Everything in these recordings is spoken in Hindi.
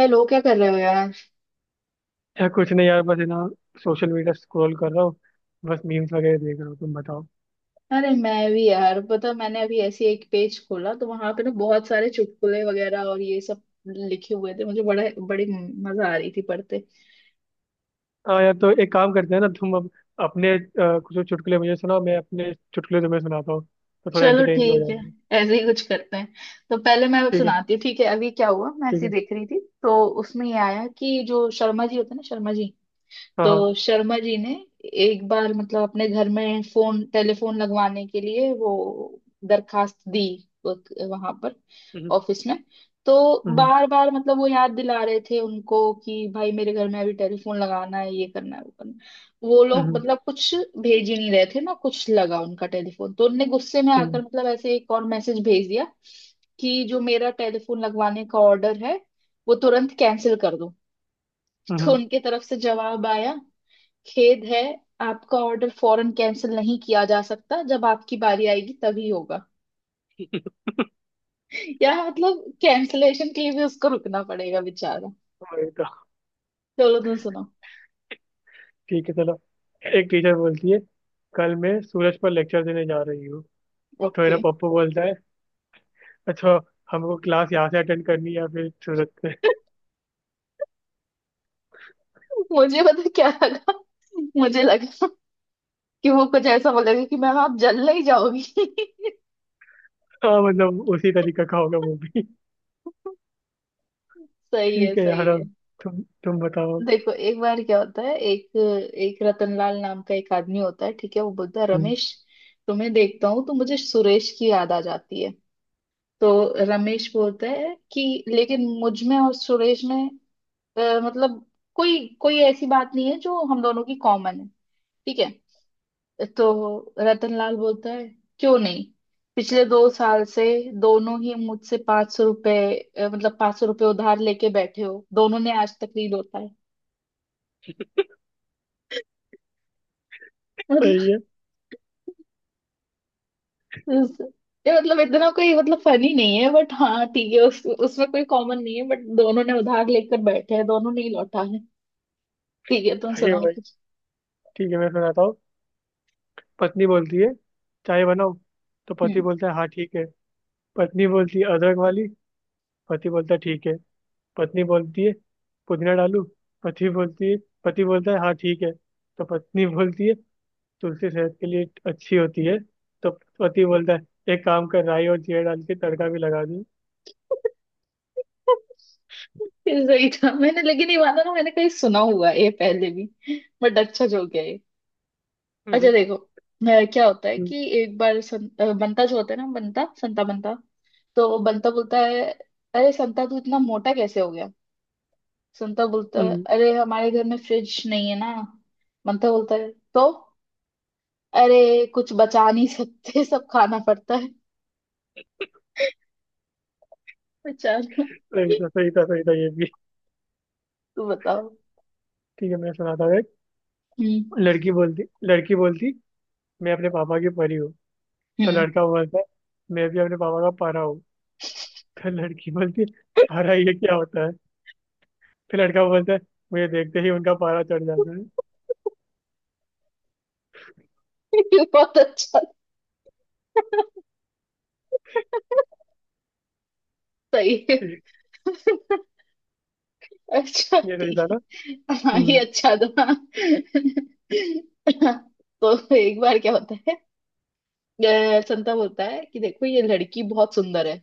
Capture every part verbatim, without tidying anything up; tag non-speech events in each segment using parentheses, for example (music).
हेलो, क्या कर रहे हो यार? यार कुछ नहीं यार, बस है ना, सोशल मीडिया स्क्रॉल कर रहा हूँ। बस मीम्स वगैरह देख रहा हूँ। तुम बताओ। अरे मैं भी यार। पता, मैंने अभी ऐसे ही एक पेज खोला तो वहां पे ना बहुत सारे चुटकुले वगैरह और ये सब लिखे हुए थे। मुझे बड़ा बड़ी मजा आ रही थी पढ़ते। हाँ यार, तो एक काम करते हैं ना, तुम अब अपने अ, कुछ तो चुटकुले मुझे सुनाओ, मैं अपने चुटकुले तुम्हें सुनाता हूँ। तो थोड़ा चलो एंटरटेन भी हो ठीक है, जाएंगे। ऐसे ही कुछ करते हैं। तो पहले मैं ठीक है। सुनाती हूँ, ठीक है। अभी क्या हुआ, मैं ठीक ऐसे ही है। देख रही थी तो उसमें ये आया कि जो शर्मा जी होते हैं ना, शर्मा जी। हाँ हाँ। तो शर्मा जी ने एक बार मतलब अपने घर में फोन टेलीफोन लगवाने के लिए वो दरखास्त दी वहां पर हम्म ऑफिस में। तो हम्म बार बार मतलब वो याद दिला रहे थे उनको कि भाई मेरे घर में अभी टेलीफोन लगाना है, ये करना है, वो करना है। वो लोग हम्म। मतलब कुछ भेज ही नहीं रहे थे ना, कुछ लगा उनका टेलीफोन, तो उनने गुस्से में ठीक आकर है। मतलब ऐसे एक और मैसेज भेज दिया कि जो मेरा टेलीफोन लगवाने का ऑर्डर है वो तुरंत कैंसिल कर दो। (laughs) तो हम्म। उनके तरफ से जवाब आया, खेद है, आपका ऑर्डर फौरन कैंसिल नहीं किया जा सकता, जब आपकी बारी आएगी तभी होगा। (laughs) या मतलब कैंसलेशन के लिए भी उसको रुकना पड़ेगा बेचारा। वही तो। चलो तुम सुनो। ठीक है, चलो। एक टीचर बोलती है, कल मैं सूरज पर लेक्चर देने जा रही हूँ। तो ओके। मेरा पप्पू बोलता है, अच्छा, हमको क्लास यहाँ से अटेंड करनी है या फिर सूरज से? (laughs) (laughs) मुझे पता क्या लगा, मुझे लगा कि वो कुछ ऐसा बोलेगा कि मैम आप जल ही जाओगी। (laughs) हाँ, मतलब उसी तरीके का होगा वो भी। सही है, ठीक है यार, सही है। अब तुम तुम बताओ। देखो एक बार क्या होता है, एक एक रतनलाल नाम का एक आदमी होता है, ठीक है। वो बोलता है हम्म। रमेश, तुम्हें देखता हूँ तो मुझे सुरेश की याद आ जाती है। तो रमेश बोलता है कि लेकिन मुझ में और सुरेश में अ, मतलब कोई कोई ऐसी बात नहीं है जो हम दोनों की कॉमन है, ठीक है। तो रतनलाल बोलता है क्यों नहीं, पिछले दो साल से दोनों ही मुझसे पांच सौ रुपए, अ, मतलब पांच सौ रुपए उधार लेके बैठे हो, दोनों ने आज तक नहीं लौटा है। सही है। मतलब ये मतलब इतना कोई मतलब फनी नहीं है, बट हाँ ठीक है उस, उसमें कोई कॉमन नहीं है, बट दोनों ने उधार लेकर बैठे हैं, दोनों ने ही लौटा है। ठीक है, तुम भाई सुनाओ भाई। कुछ। ठीक है, मैं सुनाता हूँ। पत्नी बोलती है, चाय बनाओ। तो पति हम्म। बोलता है, हाँ ठीक है। पत्नी बोलती है, अदरक वाली। पति बोलता है, ठीक है। पत्नी बोलती है, पुदीना डालूं? पति बोलती है पति बोलता है, हाँ ठीक है। तो पत्नी बोलती है, तुलसी सेहत के लिए अच्छी होती है। तो पति बोलता है, एक काम कर, राई और जीरा डाल के तड़का भी लगा दूं। ये सही था, मैंने लेकिन ये वाला ना मैंने कहीं सुना हुआ है ये पहले भी। बट अच्छा जो गया ये। अच्छा हम्म। देखो, अ, क्या होता है हम्म। कि एक बार सं, अ, बंता जो होता है ना, बंता संता बंता। तो बंता बोलता है अरे संता तू इतना मोटा कैसे हो गया? संता बोलता है हम्म। अरे हमारे घर में फ्रिज नहीं है ना। बंता बोलता है तो अरे कुछ बचा नहीं सकते, सब खाना पड़ता है बेचारा। सही (laughs) था, सही था, सही था ये भी। तू बताओ। ठीक है, मैं सुनाता हूँ एक। हम्म लड़की बोलती लड़की बोलती मैं अपने पापा की परी हूँ। तो हम्म। लड़का बोलता है, मैं भी अपने पापा का परा हूँ। फिर लड़की बोलती है, परा ये क्या होता है? फिर लड़का बोलता है, मुझे देखते ही उनका पारा चढ़ जाता है। (laughs) बहुत अच्छा, सही है, ठीक। अच्छा ये सही ठीक था ना। है, हाँ ये हम्म अच्छा था। तो एक बार क्या होता है, अ, संता बोलता है कि देखो ये लड़की बहुत सुंदर है।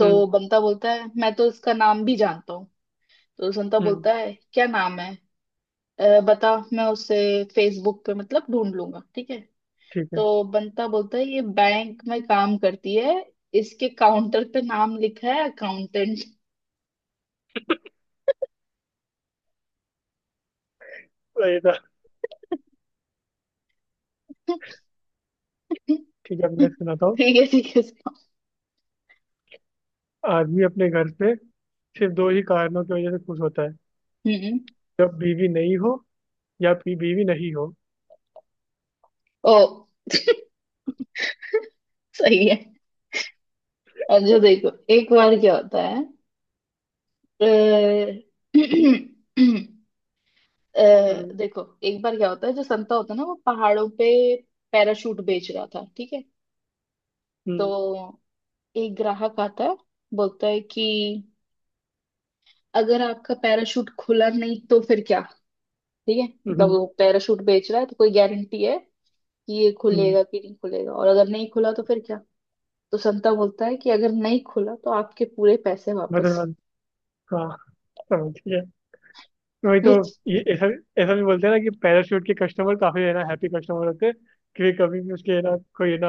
हम्म बंता बोलता है मैं तो इसका नाम भी जानता हूँ। तो संता हम्म। बोलता है क्या नाम है? "अ, बता, मैं उसे फेसबुक पे मतलब ढूंढ लूंगा, ठीक है। ठीक है। तो बंता बोलता है ये बैंक में काम करती है, इसके काउंटर पे नाम लिखा है अकाउंटेंट। तो ये था। (laughs) ठीक है, अब मैं सुनाता हूँ। ठीक है, ठीक है। आदमी अपने घर पे सिर्फ दो ही कारणों की वजह से खुश होता है। हम्म। जब बीवी नहीं हो, या फिर बीवी नहीं हो। ओ, सही है। अच्छा देखो एक बार क्या होता है, अ, (clears throat) अ, हम्म देखो एक बार क्या होता है, जो संता होता है ना वो पहाड़ों पे पैराशूट बेच रहा था, ठीक है। हम्म तो एक ग्राहक आता है, बोलता है कि अगर आपका पैराशूट खुला नहीं तो फिर क्या? ठीक है, मतलब हम्म वो पैराशूट बेच रहा है तो कोई गारंटी है कि ये हम्म। खुलेगा कि नहीं खुलेगा, और अगर नहीं खुला तो फिर क्या? तो संता बोलता है कि अगर नहीं खुला तो आपके पूरे पैसे वापस। बदल। हाँ, समझ गया, वही (laughs) तो। विच ये ऐसा ऐसा भी बोलते हैं ना कि पैराशूट के कस्टमर, काफी, है ना, हैप्पी कस्टमर होते हैं, कि कभी भी उसके, है ना, कोई, है ना,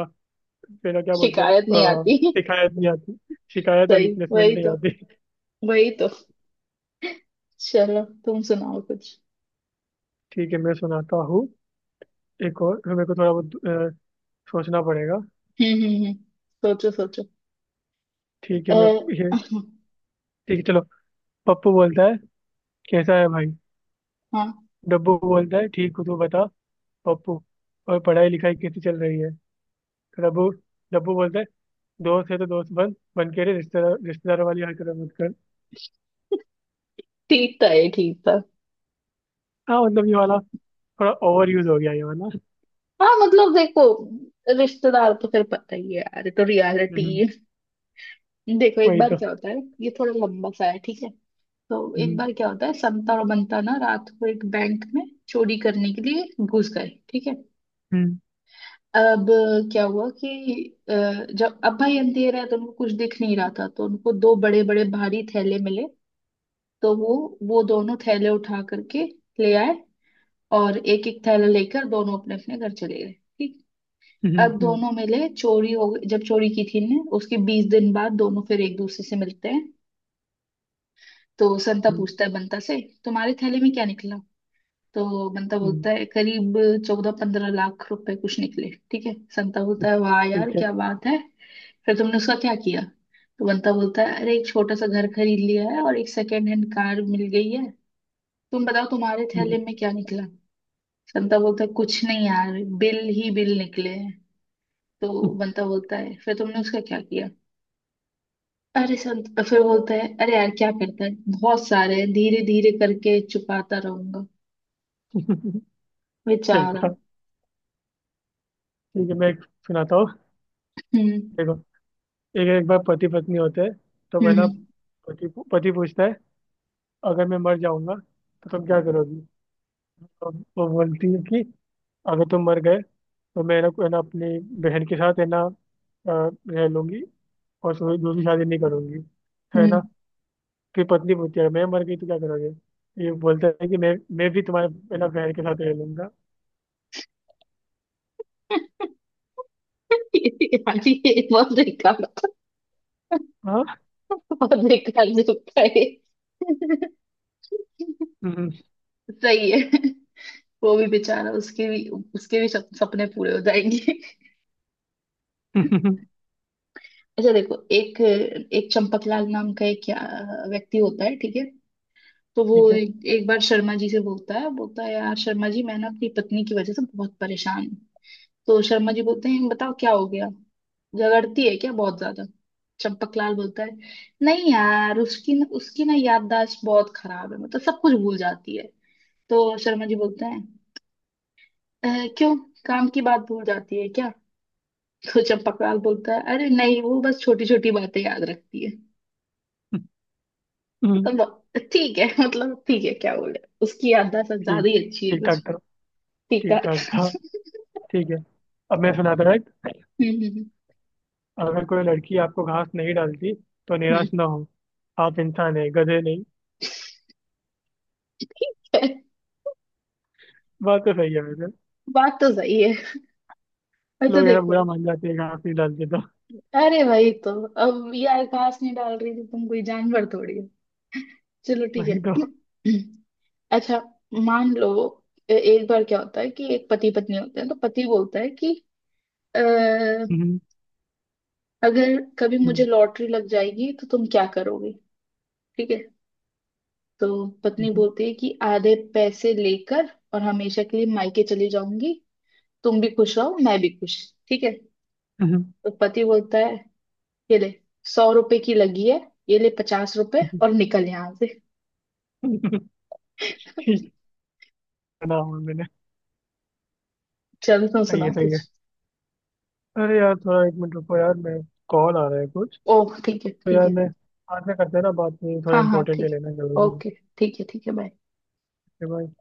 है ना, क्या बोलते हैं शिकायत नहीं अ, आती। शिकायत नहीं आती। शिकायत और सही, रिप्लेसमेंट वही नहीं तो, आती। वही तो। चलो तुम सुनाओ कुछ। ठीक है, मैं सुनाता हूँ एक और, फिर मेरे को थोड़ा बहुत अ, सोचना पड़ेगा। हम्म हम्म हम्म, सोचो सोचो। ठीक अ, है। मैं ये ठीक है, चलो। पप्पू बोलता है, कैसा है भाई? हाँ डब्बू बोलता है, ठीक हूँ, तू बता। पप्पू, और पढ़ाई लिखाई कैसी चल रही है? तो डब्बू डब्बू बोलता है, दोस्त है तो दोस्त बन बन के रे, रिश्तेदार रिश्तेदार वाली हरकत मत कर। ठीक था, ये ठीक था। हाँ मतलब, ये वाला थोड़ा ओवर यूज हो गया, ये वाला। हाँ मतलब देखो, रिश्तेदार तो फिर पता ही है यार, ये तो रियलिटी हम्म। है। देखो एक वही बार तो। क्या होता है, ये थोड़ा लंबा सा है, ठीक है। तो एक हम्म बार क्या होता है, संता और बंता ना रात को एक बैंक में चोरी करने के लिए घुस गए, ठीक है। हम्म अब क्या हुआ कि अ, जब अब्बा अंधेरा है तो उनको कुछ दिख नहीं रहा था, तो उनको दो बड़े बड़े भारी थैले मिले। तो वो वो दोनों थैले उठा करके ले आए, और एक एक थैला लेकर दोनों अपने अपने घर चले गए ठीक। हम्म अब हम्म दोनों मिले, चोरी हो गई जब चोरी की थी ने उसके बीस दिन बाद दोनों फिर एक दूसरे से मिलते हैं। तो संता हम्म पूछता है बंता से तुम्हारे थैले में क्या निकला? तो बंता हम्म। बोलता है करीब चौदह पंद्रह लाख रुपए कुछ निकले, ठीक है। संता बोलता है वाह यार ठीक है। क्या बात है, फिर तुमने उसका क्या किया? तो बंता बोलता है अरे एक छोटा सा घर खरीद लिया है और एक सेकेंड हैंड कार मिल गई है। तुम बताओ तुम्हारे हम्म। थैले में क्या निकला? संता बोलता है कुछ नहीं यार, बिल ही बिल निकले हैं। तो बंता बोलता है फिर तुमने उसका क्या किया? अरे संत फिर बोलता है अरे यार क्या करता है, बहुत सारे हैं, धीरे धीरे करके चुकाता रहूंगा (laughs) सही बेचारा। था। ठीक है, मैं एक सुनाता हूँ। हम्म हम्म देखो, एक एक बार पति पत्नी होते हैं। तो पहला हम्म पति पति पूछता है, अगर मैं मर जाऊंगा तो तुम क्या करोगी? तो वो बोलती है कि अगर तुम मर गए तो मैं, ना, है ना, अपनी बहन के साथ, है ना, अ, रह लूंगी, और उससे दूसरी शादी नहीं करूंगी, है ना। हम्म। फिर पत्नी पूछती है, मैं मर गई तो क्या करोगे? ये बोलता है कि मैं मैं भी तुम्हारे पहला बहन के साथ रह लूंगा। यार, ये बहुत बेकार, हाँ। बहुत बेकार जोक था ये। हम्म। सही है, वो भी बेचारा, उसके भी, उसके भी सप- सपने पूरे हो जाएंगे। (laughs) अच्छा देखो, एक एक चंपकलाल नाम का एक क्या- व्यक्ति होता है, ठीक है। तो वो ठीक है। एक, एक बार शर्मा जी से बोलता है, बोलता है यार शर्मा जी मैं ना अपनी पत्नी की वजह से बहुत परेशान हूँ। तो शर्मा जी बोलते हैं बताओ क्या हो गया, झगड़ती है क्या बहुत ज्यादा? चंपकलाल बोलता है नहीं यार उसकी न, उसकी ना याददाश्त बहुत खराब है, मतलब सब कुछ भूल जाती है। तो शर्मा जी बोलते हैं "अह, क्यों, काम की बात भूल जाती है क्या? तो चंपकलाल बोलता है अरे नहीं, वो बस छोटी छोटी बातें याद रखती है हम्म। मतलब। ठीक है मतलब, ठीक है क्या बोले, उसकी याददाश्त ठीक। ज्यादा ही अच्छी है ठीक ठाक कुछ। था। ठीक ठीक ठाक था। ठाक। (laughs) ठीक है, अब मैं सुनाता हूँ एक। हम्म हम्म, हम्म, अगर कोई लड़की आपको घास नहीं डालती तो हम्म, निराश ना हो। आप इंसान है, गधे नहीं। ठीक है। बात तो सही है वैसे। बात तो सही है, और तो लोग, है ना, देखो। बुरा मान जाते हैं घास नहीं डालते तो। अरे वही तो, अब ये आकाश नहीं डाल रही थी, तुम कोई जानवर थोड़ी हो। चलो ठीक वही तो। है। (clears throat) अच्छा, मान लो ए- एक बार क्या होता है कि एक पति पत्नी होते हैं। तो पति बोलता है कि "अ, अगर कभी मुझे लॉटरी लग जाएगी तो तुम क्या करोगे, ठीक है? तो पत्नी बोलती है कि आधे पैसे लेकर और हमेशा के लिए मायके चली जाऊंगी, तुम भी खुश रहो मैं भी खुश, ठीक है। तो पति बोलता है ये ले, सौ रुपए की लगी है, ये ले पचास रुपए और निकल यहाँ से। (laughs) ठीक। (laughs) सुना हुआ मैंने। चल तुम सही है, सुनाओ सही है। कुछ। अरे यार, थोड़ा एक मिनट रुको यार। मैं कॉल आ रहा है कुछ। ओ, ठीक है, तो ठीक यार, है। मैं बाद में करते हैं ना बात। नहीं, थोड़ा हाँ हाँ, इंपॉर्टेंट है, ठीक। लेना जरूरी है। ओके, ठीक है ठीक है। बाय। ठीक है भाई।